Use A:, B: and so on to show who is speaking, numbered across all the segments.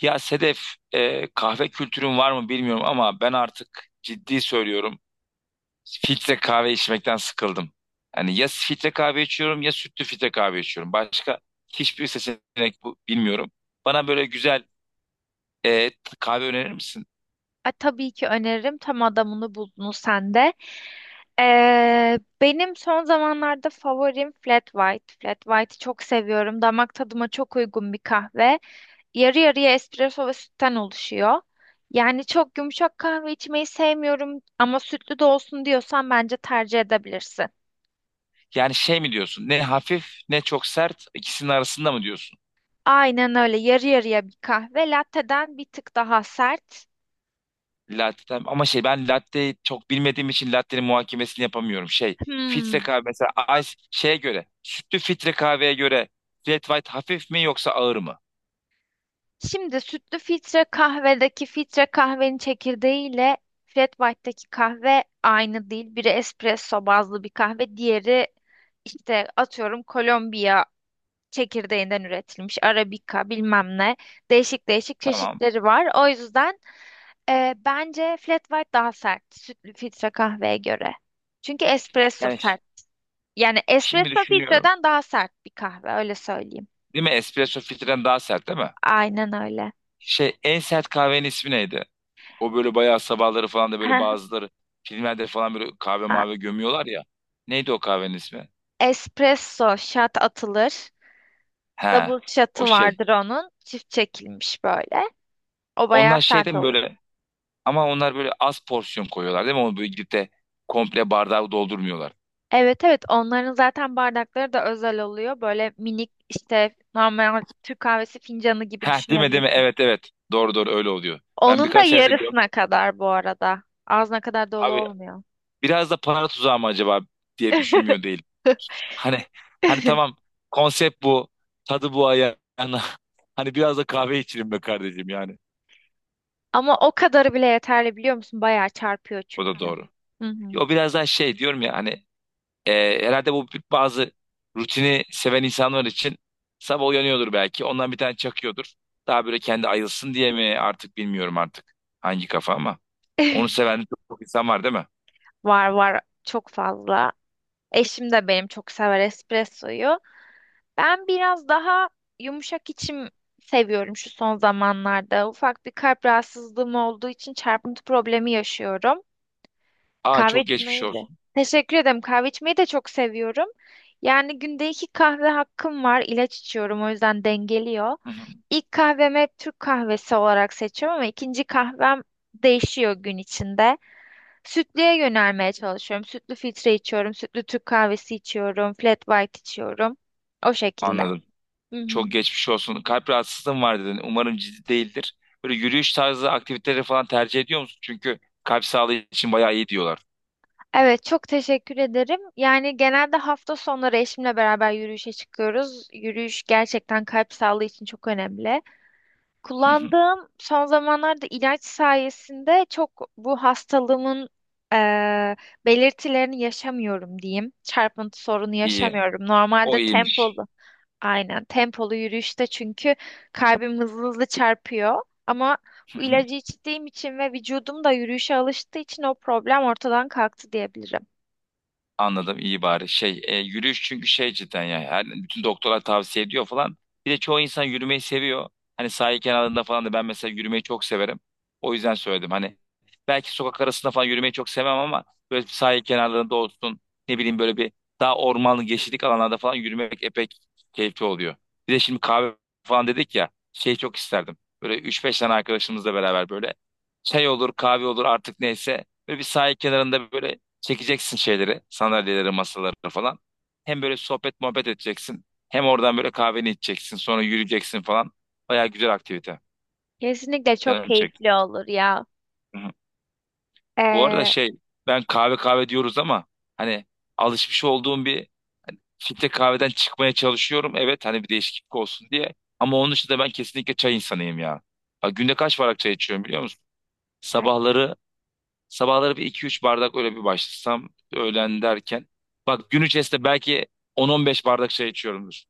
A: Ya Sedef, kahve kültürün var mı bilmiyorum ama ben artık ciddi söylüyorum. Filtre kahve içmekten sıkıldım. Yani ya filtre kahve içiyorum ya sütlü filtre kahve içiyorum. Başka hiçbir seçenek bu bilmiyorum. Bana böyle güzel e, kahve önerir misin?
B: Tabii ki öneririm. Tam adamını buldunuz sen de. Benim son zamanlarda favorim Flat White. Flat White'i çok seviyorum. Damak tadıma çok uygun bir kahve. Yarı yarıya espresso ve sütten oluşuyor. Yani çok yumuşak kahve içmeyi sevmiyorum ama sütlü de olsun diyorsan bence tercih edebilirsin.
A: Yani şey mi diyorsun? Ne hafif ne çok sert ikisinin arasında mı diyorsun?
B: Aynen öyle. Yarı yarıya bir kahve. Latte'den bir tık daha sert.
A: Latte'den ama şey ben latte çok bilmediğim için latte'nin muhakemesini yapamıyorum. Şey filtre
B: Hmm.
A: kahve mesela ice şeye göre sütlü filtre kahveye göre flat white hafif mi yoksa ağır mı?
B: Şimdi sütlü filtre kahvedeki filtre kahvenin çekirdeğiyle Flat White'daki kahve aynı değil. Biri espresso bazlı bir kahve, diğeri işte atıyorum Kolombiya çekirdeğinden üretilmiş Arabica bilmem ne. Değişik değişik
A: Tamam.
B: çeşitleri var. O yüzden bence Flat White daha sert sütlü filtre kahveye göre. Çünkü espresso
A: Yani
B: sert. Yani
A: şimdi
B: espresso
A: düşünüyorum.
B: filtreden daha sert bir kahve öyle söyleyeyim.
A: Değil mi? Espresso filtreden daha sert değil mi?
B: Aynen öyle.
A: Şey en sert kahvenin ismi neydi? O böyle bayağı sabahları falan da böyle bazıları filmlerde falan böyle kahve mavi gömüyorlar ya. Neydi o kahvenin ismi?
B: Espresso shot atılır.
A: He.
B: Double
A: O
B: shot'ı
A: şey.
B: vardır onun. Çift çekilmiş böyle. O bayağı
A: Onlar
B: sert
A: şeyden
B: olur.
A: böyle ama onlar böyle az porsiyon koyuyorlar değil mi? Onu böyle gidip de komple bardağı doldurmuyorlar.
B: Evet evet, onların zaten bardakları da özel oluyor. Böyle minik işte normal Türk kahvesi fincanı gibi
A: Heh, değil mi değil mi?
B: düşünebilirsin.
A: Evet, evet. Doğru doğru öyle oluyor. Ben
B: Onun da
A: birkaç yerde gördüm.
B: yarısına kadar bu arada. Ağzına kadar dolu
A: Abi
B: olmuyor.
A: biraz da para tuzağı mı acaba diye düşünmüyor değil. Hani hani tamam, konsept bu. Tadı bu ayağına. Hani biraz da kahve içelim be kardeşim yani.
B: Ama o kadarı bile yeterli biliyor musun? Bayağı çarpıyor
A: O da
B: çünkü.
A: doğru.
B: Hı
A: Ya,
B: hı.
A: o biraz daha şey diyorum ya hani, herhalde bu bazı rutini seven insanlar için sabah uyanıyordur belki. Ondan bir tane çakıyordur. Daha böyle kendi ayılsın diye mi artık, bilmiyorum artık hangi kafa ama. Onu seven çok çok insan var değil mi?
B: Var var, çok fazla. Eşim de benim çok sever espressoyu. Ben biraz daha yumuşak içim seviyorum şu son zamanlarda. Ufak bir kalp rahatsızlığım olduğu için çarpıntı problemi yaşıyorum.
A: Aa,
B: Kahve
A: çok geçmiş
B: içmeyi de.
A: olsun.
B: Teşekkür ederim. Kahve içmeyi de çok seviyorum. Yani günde iki kahve hakkım var. İlaç içiyorum o yüzden dengeliyor.
A: Hı hı.
B: İlk kahvemi hep Türk kahvesi olarak seçiyorum ama ikinci kahvem değişiyor gün içinde. Sütlüye yönelmeye çalışıyorum. Sütlü filtre içiyorum, sütlü Türk kahvesi içiyorum, flat white içiyorum. O şekilde.
A: Anladım.
B: Hı hı.
A: Çok geçmiş olsun. Kalp rahatsızlığın var dedin. Umarım ciddi değildir. Böyle yürüyüş tarzı aktiviteleri falan tercih ediyor musun? Çünkü kalp sağlığı için bayağı iyi diyorlar.
B: Evet, çok teşekkür ederim. Yani genelde hafta sonları eşimle beraber yürüyüşe çıkıyoruz. Yürüyüş gerçekten kalp sağlığı için çok önemli.
A: Hı hı.
B: Kullandığım son zamanlarda ilaç sayesinde çok bu hastalığımın eee, belirtilerini yaşamıyorum diyeyim. Çarpıntı sorunu
A: İyi.
B: yaşamıyorum. Normalde
A: O iyiymiş.
B: tempolu, aynen tempolu yürüyüşte çünkü kalbim hızlı hızlı çarpıyor. Ama bu ilacı içtiğim için ve vücudum da yürüyüşe alıştığı için o problem ortadan kalktı diyebilirim.
A: Anladım, iyi bari. Şey yürüyüş çünkü şey cidden ya. Bütün doktorlar tavsiye ediyor falan. Bir de çoğu insan yürümeyi seviyor. Hani sahil kenarında falan da ben mesela yürümeyi çok severim. O yüzden söyledim hani. Belki sokak arasında falan yürümeyi çok sevmem ama böyle sahil kenarlarında olsun, ne bileyim böyle bir daha ormanlık yeşillik alanlarda falan yürümek epey keyifli oluyor. Bir de şimdi kahve falan dedik ya, şey çok isterdim. Böyle üç beş tane arkadaşımızla beraber böyle çay olur kahve olur artık, neyse. Böyle bir sahil kenarında böyle çekeceksin şeyleri, sandalyeleri, masaları falan. Hem böyle sohbet muhabbet edeceksin, hem oradan böyle kahveni içeceksin. Sonra yürüyeceksin falan. Baya güzel aktivite.
B: Kesinlikle çok
A: Canım çekti.
B: keyifli olur ya.
A: Hı hı. Bu arada
B: Ee,
A: şey, ben kahve kahve diyoruz ama hani alışmış olduğum bir filtre kahveden çıkmaya çalışıyorum. Evet, hani bir değişiklik olsun diye. Ama onun dışında ben kesinlikle çay insanıyım ya. Ha, günde kaç bardak çay içiyorum biliyor musun?
B: Kaç?
A: Sabahları Sabahları bir iki üç bardak, öyle bir başlasam öğlen derken. Bak, gün içerisinde belki 10-15 bardak şey içiyorumdur.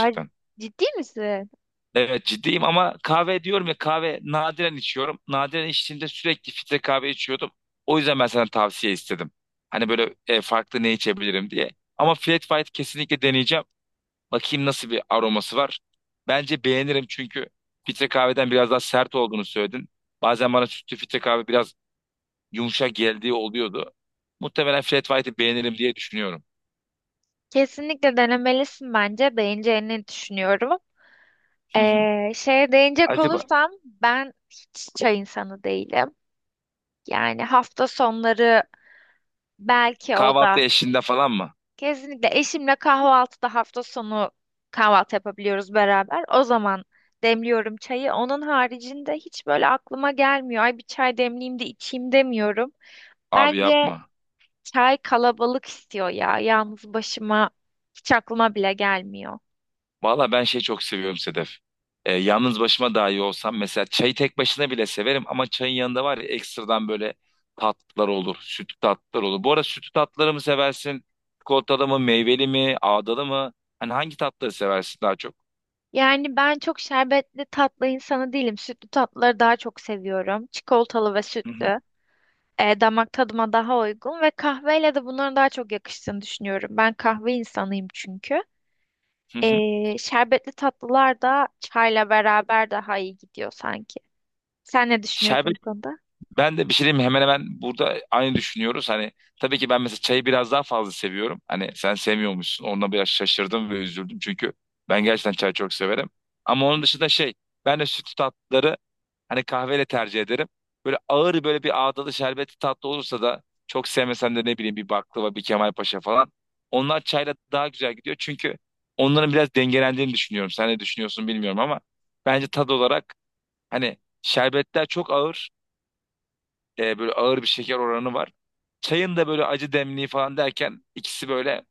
B: Aa, ciddi misin?
A: Evet ciddiyim ama kahve diyorum ya, kahve nadiren içiyorum. Nadiren içtiğimde sürekli filtre kahve içiyordum. O yüzden ben sana tavsiye istedim. Hani böyle farklı ne içebilirim diye. Ama Flat White kesinlikle deneyeceğim. Bakayım nasıl bir aroması var. Bence beğenirim çünkü filtre kahveden biraz daha sert olduğunu söyledin. Bazen bana sütlü filtre kahve biraz yumuşak geldiği oluyordu. Muhtemelen Fred White'i beğenirim diye düşünüyorum.
B: Kesinlikle denemelisin bence. Beğeneceğini düşünüyorum.
A: Hı hı.
B: Şeye değinecek
A: Acaba
B: olursam ben hiç çay insanı değilim. Yani hafta sonları belki o
A: kahvaltı
B: da.
A: eşliğinde falan mı?
B: Kesinlikle eşimle kahvaltıda hafta sonu kahvaltı yapabiliyoruz beraber. O zaman demliyorum çayı. Onun haricinde hiç böyle aklıma gelmiyor. Ay bir çay demleyeyim de içeyim demiyorum.
A: Abi
B: Bence
A: yapma.
B: çay kalabalık istiyor ya. Yalnız başıma hiç aklıma bile gelmiyor.
A: Valla ben şey çok seviyorum Sedef. Yalnız başıma daha iyi olsam mesela, çayı tek başına bile severim ama çayın yanında var ya, ekstradan böyle tatlılar olur. Sütlü tatlılar olur. Bu arada, sütlü tatlıları mı seversin? Çikolatalı mı, meyveli mi, ağdalı mı? Hani hangi tatları seversin daha çok?
B: Yani ben çok şerbetli tatlı insanı değilim. Sütlü tatlıları daha çok seviyorum. Çikolatalı ve
A: Hı hı,
B: sütlü. E, damak tadıma daha uygun ve kahveyle de bunların daha çok yakıştığını düşünüyorum. Ben kahve insanıyım çünkü.
A: hı hı.
B: E, şerbetli tatlılar da çayla beraber daha iyi gidiyor sanki. Sen ne düşünüyorsun
A: Şerbet
B: bu konuda?
A: Ben de bir şey diyeyim mi? Hemen hemen burada aynı düşünüyoruz. Hani tabii ki ben mesela çayı biraz daha fazla seviyorum. Hani sen sevmiyormuşsun. Onunla biraz şaşırdım ve üzüldüm. Çünkü ben gerçekten çay çok severim. Ama onun dışında şey, ben de sütlü tatlıları hani kahveyle tercih ederim. Böyle ağır, böyle bir ağdalı şerbetli tatlı olursa da, çok sevmesem de, ne bileyim, bir baklava bir Kemalpaşa falan. Onlar çayla daha güzel gidiyor. Çünkü onların biraz dengelendiğini düşünüyorum. Sen ne düşünüyorsun bilmiyorum ama bence tad olarak hani şerbetler çok ağır, böyle ağır bir şeker oranı var. Çayın da böyle acı demliği falan derken, ikisi böyle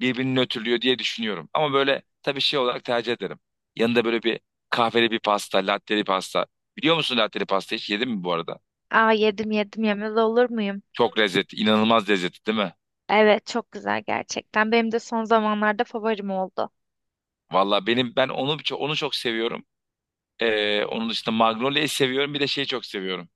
A: birbirini nötrlüyor diye düşünüyorum. Ama böyle tabii şey olarak tercih ederim. Yanında böyle bir kahveli bir pasta, latteli pasta. Biliyor musun, latteli pasta hiç yedin mi bu arada?
B: Aa, yedim yedim, yemez olur muyum?
A: Çok lezzetli, inanılmaz lezzetli değil mi?
B: Evet, çok güzel gerçekten. Benim de son zamanlarda favorim oldu.
A: Valla ben onu çok seviyorum. Onun dışında Magnolia'yı seviyorum, bir de şeyi çok seviyorum.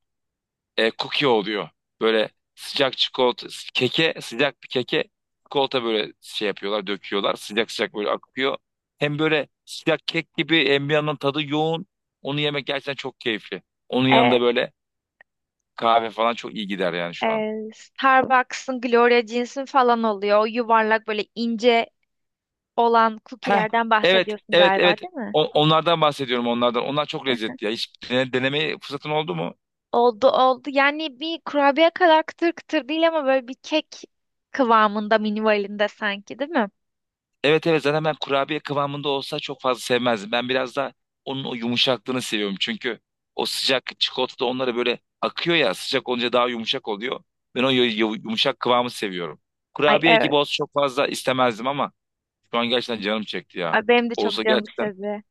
A: Cookie oluyor. Böyle sıcak çikolata, sıcak bir keke çikolata böyle şey yapıyorlar, döküyorlar. Sıcak sıcak böyle akıyor. Hem böyle sıcak kek gibi, hem bir yandan tadı yoğun. Onu yemek gerçekten çok keyifli. Onun
B: E,
A: yanında böyle kahve falan çok iyi gider yani şu an.
B: Starbucks'ın Gloria Jeans'in falan oluyor. O yuvarlak böyle ince olan
A: Heh,
B: cookie'lerden
A: evet,
B: bahsediyorsun
A: evet,
B: galiba
A: evet.
B: değil mi?
A: Onlardan bahsediyorum, onlardan. Onlar çok lezzetli ya. Hiç denemeye fırsatın oldu mu?
B: Oldu oldu. Yani bir kurabiye kadar kıtır kıtır değil ama böyle bir kek kıvamında minimalinde sanki değil mi?
A: Evet, evet, zaten ben kurabiye kıvamında olsa çok fazla sevmezdim. Ben biraz daha onun o yumuşaklığını seviyorum. Çünkü o sıcak çikolata da onlara böyle akıyor ya, sıcak olunca daha yumuşak oluyor. Ben o yumuşak kıvamı seviyorum.
B: Ay
A: Kurabiye
B: evet.
A: gibi olsa çok fazla istemezdim ama şu an gerçekten canım çekti ya.
B: Ay, benim de çok
A: Olsa
B: canım
A: gerçekten,
B: istedi.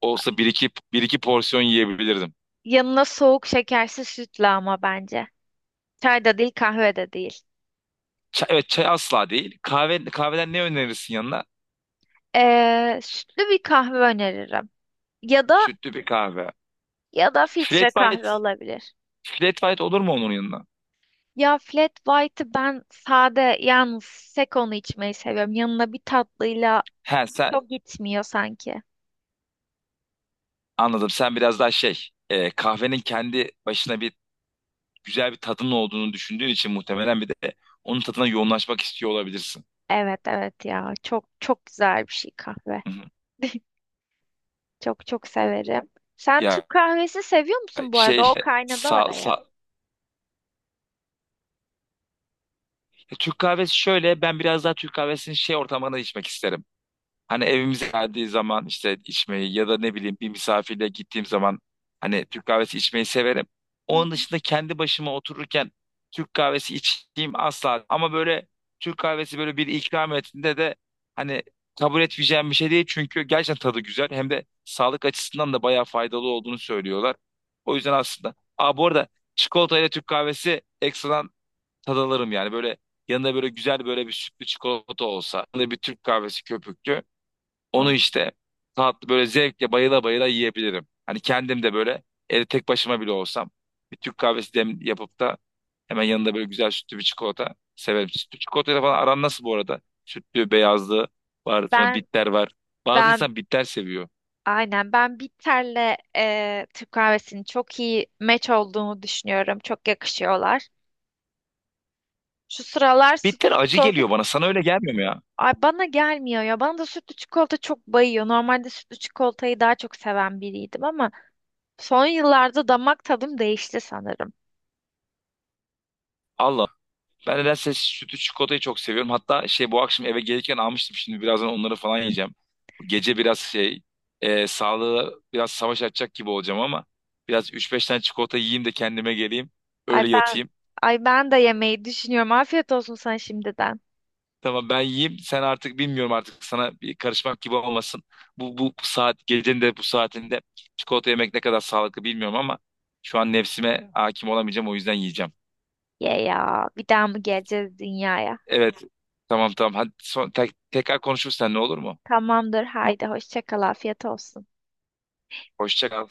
A: olsa bir iki porsiyon yiyebilirdim.
B: Yanına soğuk şekersiz sütle ama bence. Çay da değil kahve de değil.
A: Çay, evet çay asla değil. Kahve, kahveden ne önerirsin yanına?
B: Sütlü bir kahve öneririm. Ya da
A: Sütlü bir kahve.
B: ya da
A: Flat
B: filtre
A: white,
B: kahve olabilir.
A: flat white olur mu onun yanına?
B: Ya flat white'ı ben sade yalnız sek onu içmeyi seviyorum. Yanına bir tatlıyla
A: He.
B: çok gitmiyor sanki.
A: Anladım. Sen biraz daha şey, kahvenin kendi başına bir güzel bir tadının olduğunu düşündüğün için muhtemelen bir de onun tadına yoğunlaşmak istiyor olabilirsin.
B: Evet evet ya, çok çok güzel bir şey kahve.
A: Hı hı.
B: Çok çok severim. Sen
A: Ya
B: Türk kahvesi seviyor musun bu
A: şey,
B: arada? O
A: işte,
B: kaynadı araya.
A: Türk kahvesi şöyle, ben biraz daha Türk kahvesini şey ortamında içmek isterim. Hani evimize geldiği zaman işte içmeyi, ya da ne bileyim bir misafirle gittiğim zaman hani Türk kahvesi içmeyi severim.
B: Hı
A: Onun
B: hı.
A: dışında kendi başıma otururken Türk kahvesi içtiğim asla. Ama böyle Türk kahvesi böyle bir ikram ettiğinde de hani kabul etmeyeceğim bir şey değil. Çünkü gerçekten tadı güzel. Hem de sağlık açısından da bayağı faydalı olduğunu söylüyorlar. O yüzden aslında. Aa, bu arada çikolata ile Türk kahvesi ekstradan tad alırım yani. Böyle yanında böyle güzel böyle bir sütlü çikolata olsa. Yanında bir Türk kahvesi köpüklü. Onu
B: O.
A: işte tatlı böyle zevkle bayıla bayıla yiyebilirim. Hani kendim de böyle evde tek başıma bile olsam, bir Türk kahvesi dem yapıp da hemen yanında böyle güzel sütlü bir çikolata severim. Sütlü çikolatayla falan aran nasıl bu arada? Sütlü, beyazlı var, sonra
B: Ben
A: bitter var. Bazı
B: ben
A: insan bitter seviyor.
B: aynen ben bitterle Türk kahvesinin çok iyi meç olduğunu düşünüyorum. Çok yakışıyorlar. Şu sıralar sütlü
A: Bitter acı
B: çikolata
A: geliyor bana. Sana öyle gelmiyor mu ya?
B: ay bana gelmiyor ya. Bana da sütlü çikolata çok bayıyor. Normalde sütlü çikolatayı daha çok seven biriydim ama son yıllarda damak tadım değişti sanırım.
A: Allah. Ben nedense sütü çikolatayı çok seviyorum. Hatta şey, bu akşam eve gelirken almıştım. Şimdi birazdan onları falan yiyeceğim. Gece biraz şey, sağlığı biraz savaş açacak gibi olacağım ama biraz üç beş tane çikolata yiyeyim de kendime geleyim.
B: Ay
A: Öyle
B: ben
A: yatayım.
B: ay, ben de yemeyi düşünüyorum. Afiyet olsun sana şimdiden.
A: Tamam, ben yiyeyim. Sen artık bilmiyorum, artık sana bir karışmak gibi olmasın. Bu saat, gecenin de bu saatinde çikolata yemek ne kadar sağlıklı bilmiyorum ama şu an nefsime hakim olamayacağım, o yüzden yiyeceğim.
B: Ye ya, bir daha mı geleceğiz dünyaya?
A: Evet. Tamam, tamam. Hadi tekrar konuşuruz seninle, olur mu?
B: Tamamdır, haydi hoşça kal, afiyet olsun.
A: Hoşça kal.